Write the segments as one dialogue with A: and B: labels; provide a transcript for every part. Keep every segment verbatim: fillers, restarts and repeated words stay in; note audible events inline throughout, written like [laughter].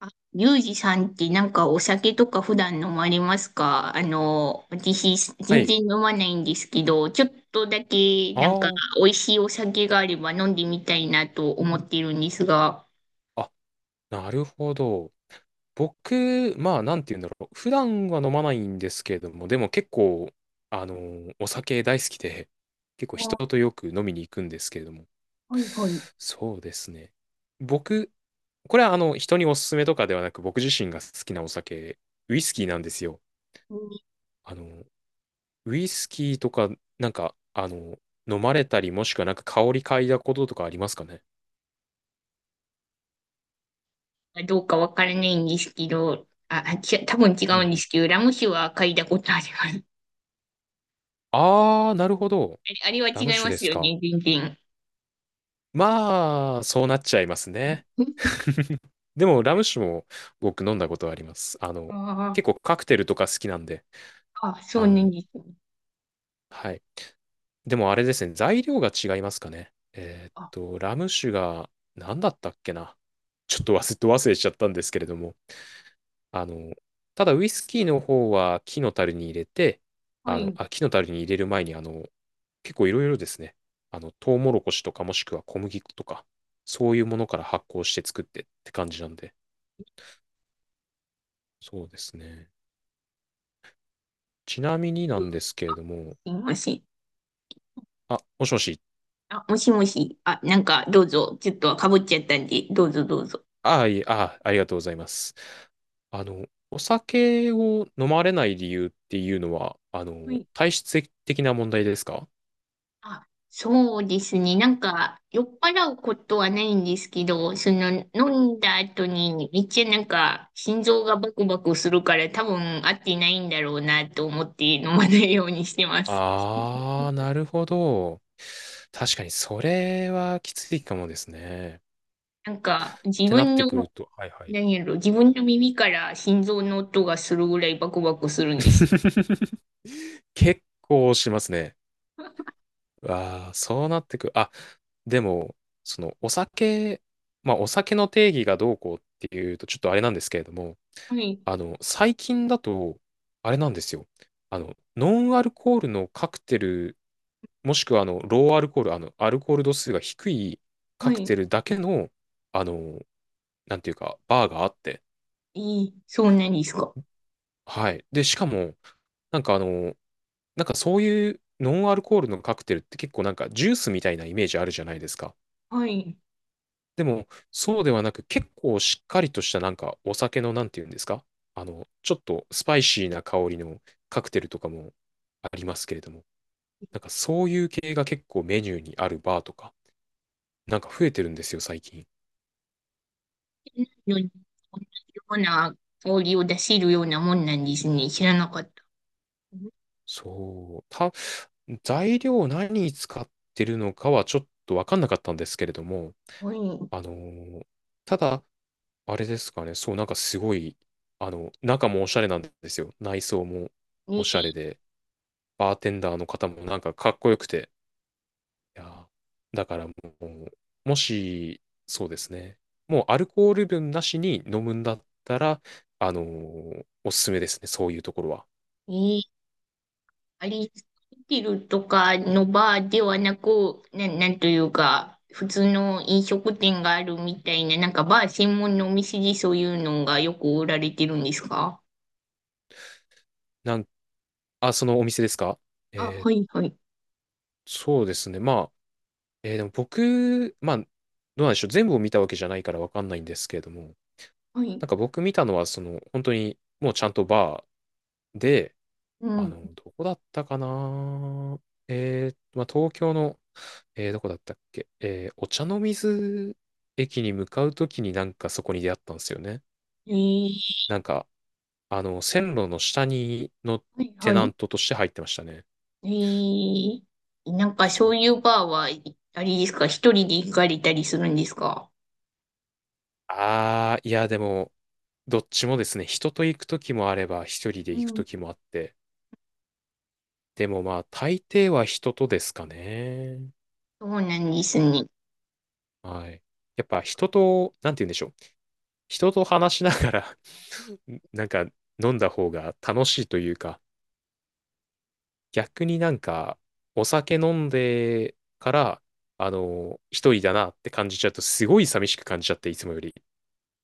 A: あ、リュウジさんってなんかお酒とか普段飲まれますか？あの、私
B: は
A: 全
B: い。
A: 然飲まないんですけど、ちょっとだけ
B: あ
A: なんか
B: ー
A: 美味しいお酒があれば飲んでみたいなと思ってるんですが、
B: あ、なるほど。僕、まあ、なんて言うんだろう。普段は飲まないんですけれども、でも結構、あのー、お酒大好きで、結構人
A: あ、
B: とよく飲みに行くんですけれども。
A: はいはい。
B: そうですね。僕、これはあの、人におすすめとかではなく、僕自身が好きなお酒、ウイスキーなんですよ。
A: うん。
B: あの、ウイスキーとか、なんか、あの、飲まれたり、もしくはなんか香り嗅いだこととかありますかね？
A: どうかわからないんですけど、あ、あち多分違
B: う
A: うんで
B: ん。
A: すけど、ラム酒は嗅いだことあります。[laughs]
B: ああ、なるほど。
A: あれ、あれは
B: ラム
A: 違い
B: 酒
A: ま
B: で
A: す
B: す
A: よ
B: か？
A: ね、全然。
B: まあ、そうなっちゃいますね。
A: [laughs]
B: でも、ラム酒も僕飲んだことあります。あの、
A: あ
B: 結構カクテルとか好きなんで、
A: あ、あ、そう
B: あ
A: なん
B: の、
A: ですね。
B: はい。でもあれですね、材料が違いますかね。えーっ
A: あ、
B: と、ラム酒が何だったっけな。ちょっと忘れ、ど忘れしちゃったんですけれども、あの、ただウイスキーの方は木の樽に入れて、
A: は
B: あの、
A: い、
B: あ、木の樽に入れる前に、あの、結構いろいろですね、あの、トウモロコシとかもしくは小麦粉とか、そういうものから発酵して作ってって感じなんで、そうですね。ちなみになんですけれども、
A: すいません。
B: あ、もしもし。
A: あ、もしもし。あ、なんか、どうぞ。ちょっとかぶっちゃったんで、どうぞどうぞ。
B: あ、いえ、あ、ありがとうございます。あの、お酒を飲まれない理由っていうのは、あ
A: は
B: の、
A: い。
B: 体質的な問題ですか？
A: あ、そうですね。なんか、酔っ払うことはないんですけど、その、飲んだ後に、めっちゃなんか、心臓がバクバクするから、多分合ってないんだろうなと思って飲まないようにしてます。
B: ああー、なるほど。確かに、それはきついかもですね。
A: なんか、
B: っ
A: 自
B: てなっ
A: 分
B: てくる
A: の、
B: と、はいはい。
A: 何やろ、自分の耳から心臓の音がするぐらいバクバクするんです。
B: [laughs] 結構しますね。ああ、そうなってく。あ、でも、その、お酒、まあ、お酒の定義がどうこうっていうと、ちょっとあれなんですけれども、
A: はい。
B: あの、最近だと、あれなんですよ。あの、ノンアルコールのカクテル、もしくは、あの、ローアルコール、あの、アルコール度数が低い
A: は
B: カク
A: い。
B: テルだけの、あの、なんていうか、バーがあって、
A: いい。そうなんですか。
B: はい。で、しかも、なんかあの、なんかそういうノンアルコールのカクテルって結構なんかジュースみたいなイメージあるじゃないですか。
A: はい。
B: でも、そうではなく、結構しっかりとしたなんかお酒のなんて言うんですか？あの、ちょっとスパイシーな香りのカクテルとかもありますけれども、なんかそういう系が結構メニューにあるバーとか、なんか増えてるんですよ、最近。
A: のに同じような香りを出せるようなもんなんですね。知らなかった。
B: そう。た、材料何使ってるのかはちょっとわかんなかったんですけれども、
A: はい。
B: あのーただ、あれですかね、そう、なんかすごい、あの、中もおしゃれなんですよ。内装もおしゃ
A: に、
B: れで。バーテンダーの方もなんかかっこよくて、いやーだからもう、もし、そうですね、もうアルコール分なしに飲むんだったら、あのーおすすめですね、そういうところは。
A: に、あれ、ホテルとかのバーではなく、な、なんというか、普通の飲食店があるみたいな、なんかバー専門のお店でそういうのがよく売られてるんですか？
B: なん、あ、そのお店ですか？
A: あ、
B: えー
A: はいはい。
B: そうですね。まあ、えーでも僕、まあ、どうなんでしょう。全部を見たわけじゃないからわかんないんですけれども、
A: はい。
B: なんか僕見たのは、その、本当に、もうちゃんとバーで、
A: う
B: あ
A: ん。
B: の、どこだったかな。えー、まあ、東京の、えー、どこだったっけ。えー、お茶の水駅に向かうときになんかそこに出会ったんですよね。
A: えー、
B: なんか、あの、線路の下に、の
A: はい
B: テ
A: は
B: ナン
A: い。
B: トとして入ってましたね。
A: えー、なんか
B: そ
A: そ
B: う。
A: ういうバーは、あれですか、一人で行かれたりするんですか？
B: あー、いや、でも、どっちもですね、人と行くときもあれば、一人で
A: う
B: 行く
A: ん。
B: ときもあって、でもまあ、大抵は人とですかね。
A: そうなんですね。
B: はい。やっぱ人と、なんて言うんでしょう。人と話しながら [laughs] なんか飲んだ方が楽しいというか、逆になんかお酒飲んでから、あの、一人だなって感じちゃうと、すごい寂しく感じちゃって、いつもより。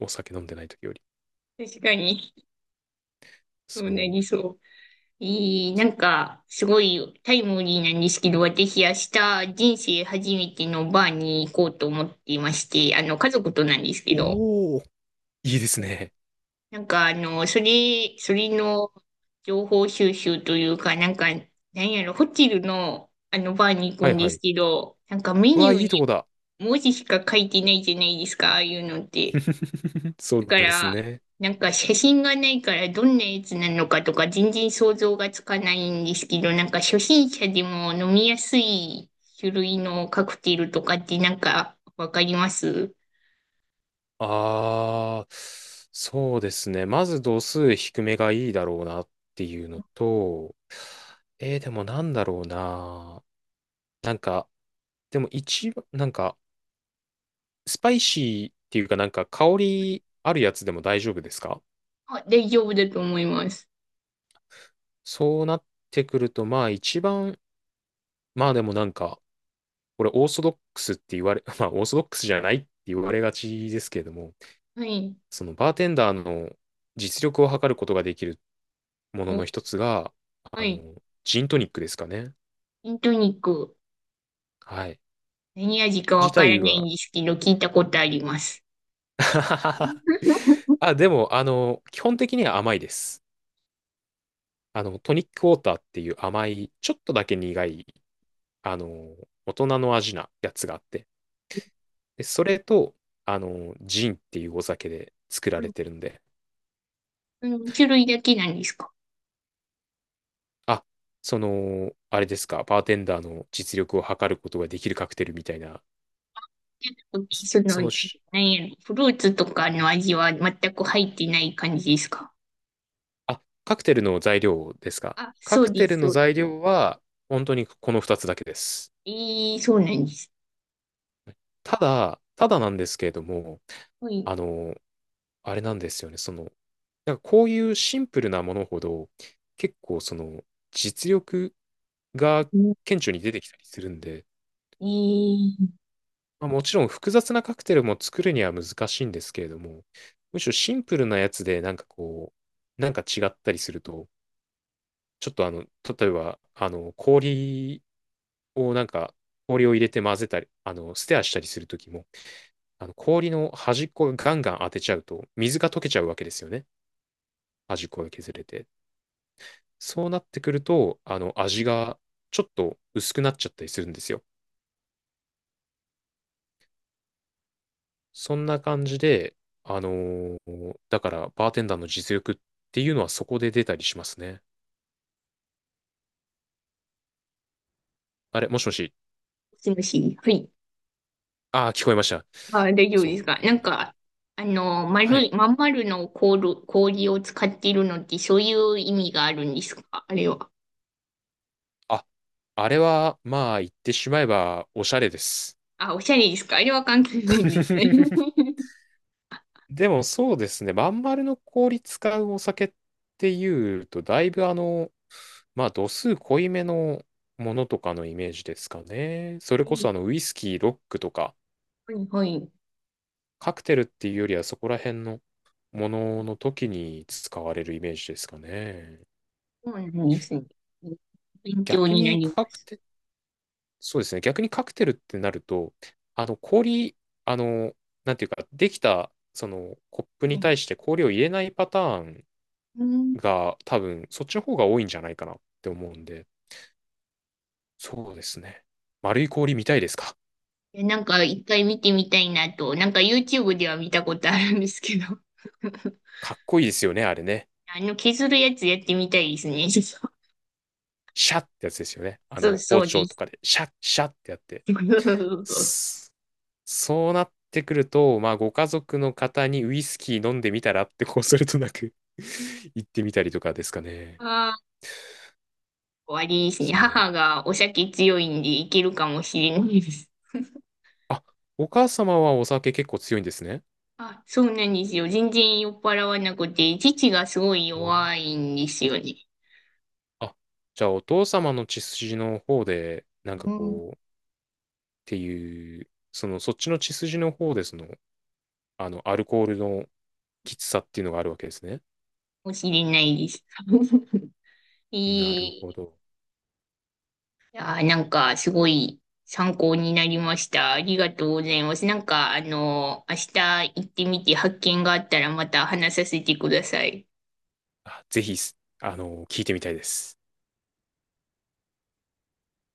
B: お酒飲んでない時より。
A: 確かに、そう
B: そ
A: なりそうね。えー、なんか、すごいタイムリーなんですけど、私、明日、人生初めてのバーに行こうと思っていまして、あの、家族となんですけ
B: う。
A: ど、
B: おお、いいですね。
A: なんか、あの、それ、それの情報収集というか、なんか、なんやろ、ホテルの、あの、バーに行く
B: はい
A: んで
B: は
A: す
B: い。
A: けど、なんかメ
B: う
A: ニ
B: わ、
A: ュー
B: いい
A: に
B: とこだ。
A: 文字しか書いてないじゃないですか、ああいうのって。
B: [laughs] そ
A: だ
B: う
A: か
B: です
A: ら、
B: ね。
A: なんか写真がないからどんなやつなのかとか全然想像がつかないんですけど、なんか初心者でも飲みやすい種類のカクテルとかってなんかわかります？
B: ああ、そうですね。まず度数低めがいいだろうなっていうのと、えー、でもなんだろうな。なんか、でも一番、なんか、スパイシーっていうかなんか香りあるやつでも大丈夫ですか？
A: あ、大丈夫だと思います。
B: そうなってくると、まあ一番、まあでもなんか、これオーソドックスって言われ、[laughs] まあオーソドックスじゃないって言われがちですけれども、
A: はい。
B: そのバーテンダーの実力を測ることができるもの
A: お
B: の一つが、
A: は
B: あ
A: い。
B: の、ジントニックですかね。
A: ジントニック。
B: はい。
A: 何味か
B: 自
A: わから
B: 体
A: ないん
B: は
A: ですけど、聞いたことあります。
B: [laughs]
A: [laughs]
B: あ、でも、あの、基本的には甘いです。あの、トニックウォーターっていう甘い、ちょっとだけ苦い、あの、大人の味なやつがあって、で、それと、あの、ジンっていうお酒で作られてるんで、
A: うん、種類だけなんですか？
B: あ、その、あれですか、バーテンダーの実力を測ることができるカクテルみたいな、そ
A: その、
B: その
A: 何何やろ、フルーツとかの味は全く入ってない感じですか？
B: あ、カクテルの材料ですか？
A: あ、
B: カ
A: そう
B: ク
A: で
B: テル
A: す、
B: の
A: そう。
B: 材料は、本当にこのふたつだけです。
A: ええ、そうなんです。
B: ただ、ただなんですけれども、
A: はい。
B: あの、あれなんですよね。その、なんかこういうシンプルなものほど、結構その、実力が
A: うん。
B: 顕著に出てきたりするんで、
A: ええ。
B: まあ、もちろん複雑なカクテルも作るには難しいんですけれども、むしろシンプルなやつでなんかこう、なんか違ったりすると、ちょっとあの、例えば、あの、氷をなんか氷を入れて混ぜたり、あの、ステアしたりするときも、あの氷の端っこがガンガン当てちゃうと、水が溶けちゃうわけですよね。端っこが削れて。そうなってくると、あの、味がちょっと薄くなっちゃったりするんですよ。そんな感じで、あのーだからバーテンダーの実力っていうのはそこで出たりしますね。あれ、もしもし。
A: もしもし。はい。
B: ああ、聞こえました。
A: あ、大丈夫
B: そ
A: です
B: う。
A: か。なん
B: あ
A: か、あの、
B: は
A: 丸
B: い。
A: い、まん丸の氷、氷を使っているのって、そういう意味があるんですか、あれは。
B: あ、あれは、まあ、言ってしまえば、おしゃれです。
A: あ、おしゃれですか？あれは関係ないんですね。
B: [laughs]
A: [laughs]
B: でもそうですね、まん丸の氷使うお酒っていうと、だいぶあの、まあ度数濃いめのものとかのイメージですかね。それこそ
A: え
B: あの
A: え、
B: ウイスキー、ロックとか、
A: はい、はい。
B: カクテルっていうよりはそこら辺のものの時に使われるイメージですかね。
A: そうなんですね。勉強
B: 逆
A: にな
B: に
A: りま
B: カク
A: す。
B: テ、そうですね、逆にカクテルってなると、あの氷、あの、なんていうか、できたそのコップ
A: は
B: に
A: い。
B: 対して氷を入れないパターン
A: うん。
B: が多分そっちの方が多いんじゃないかなって思うんで、そうですね。丸い氷見たいですか？
A: いや、なんか、いっかい見てみたいなと、なんか ユーチューブ では見たことあるんですけど。[laughs]
B: かっこいいですよね、あれね。
A: あの、削るやつやってみたいですね。[laughs]
B: シャッってやつですよね。あ
A: そう
B: の、包
A: そうで
B: 丁と
A: す。
B: かで、シャッ、シャッってやって。
A: [laughs]
B: スそうなってくると、まあ、ご家族の方にウイスキー飲んでみたらって、こうするとなく [laughs] 行ってみたりとかですかね。
A: ああ、終わですね。
B: そう。
A: 母がお酒強いんでいけるかもしれないです。
B: あ、お母様はお酒結構強いんですね。
A: あ、そうなんですよ。全然酔っ払わなくて、父がすごい
B: うわ
A: 弱いんですよね。
B: あ、じゃあお父様の血筋の方で、なんか
A: うん。か
B: こていう、その、そっちの血筋の方で、その、あの、アルコールのきつさっていうのがあるわけですね。
A: もしれないです。[laughs] えー、
B: なるほ
A: い
B: ど。
A: やー、なんかすごい参考になりました。ありがとうございます。なんか、あの、明日行ってみて発見があったらまた話させてください。
B: あ、ぜひ、あの、聞いてみたいです。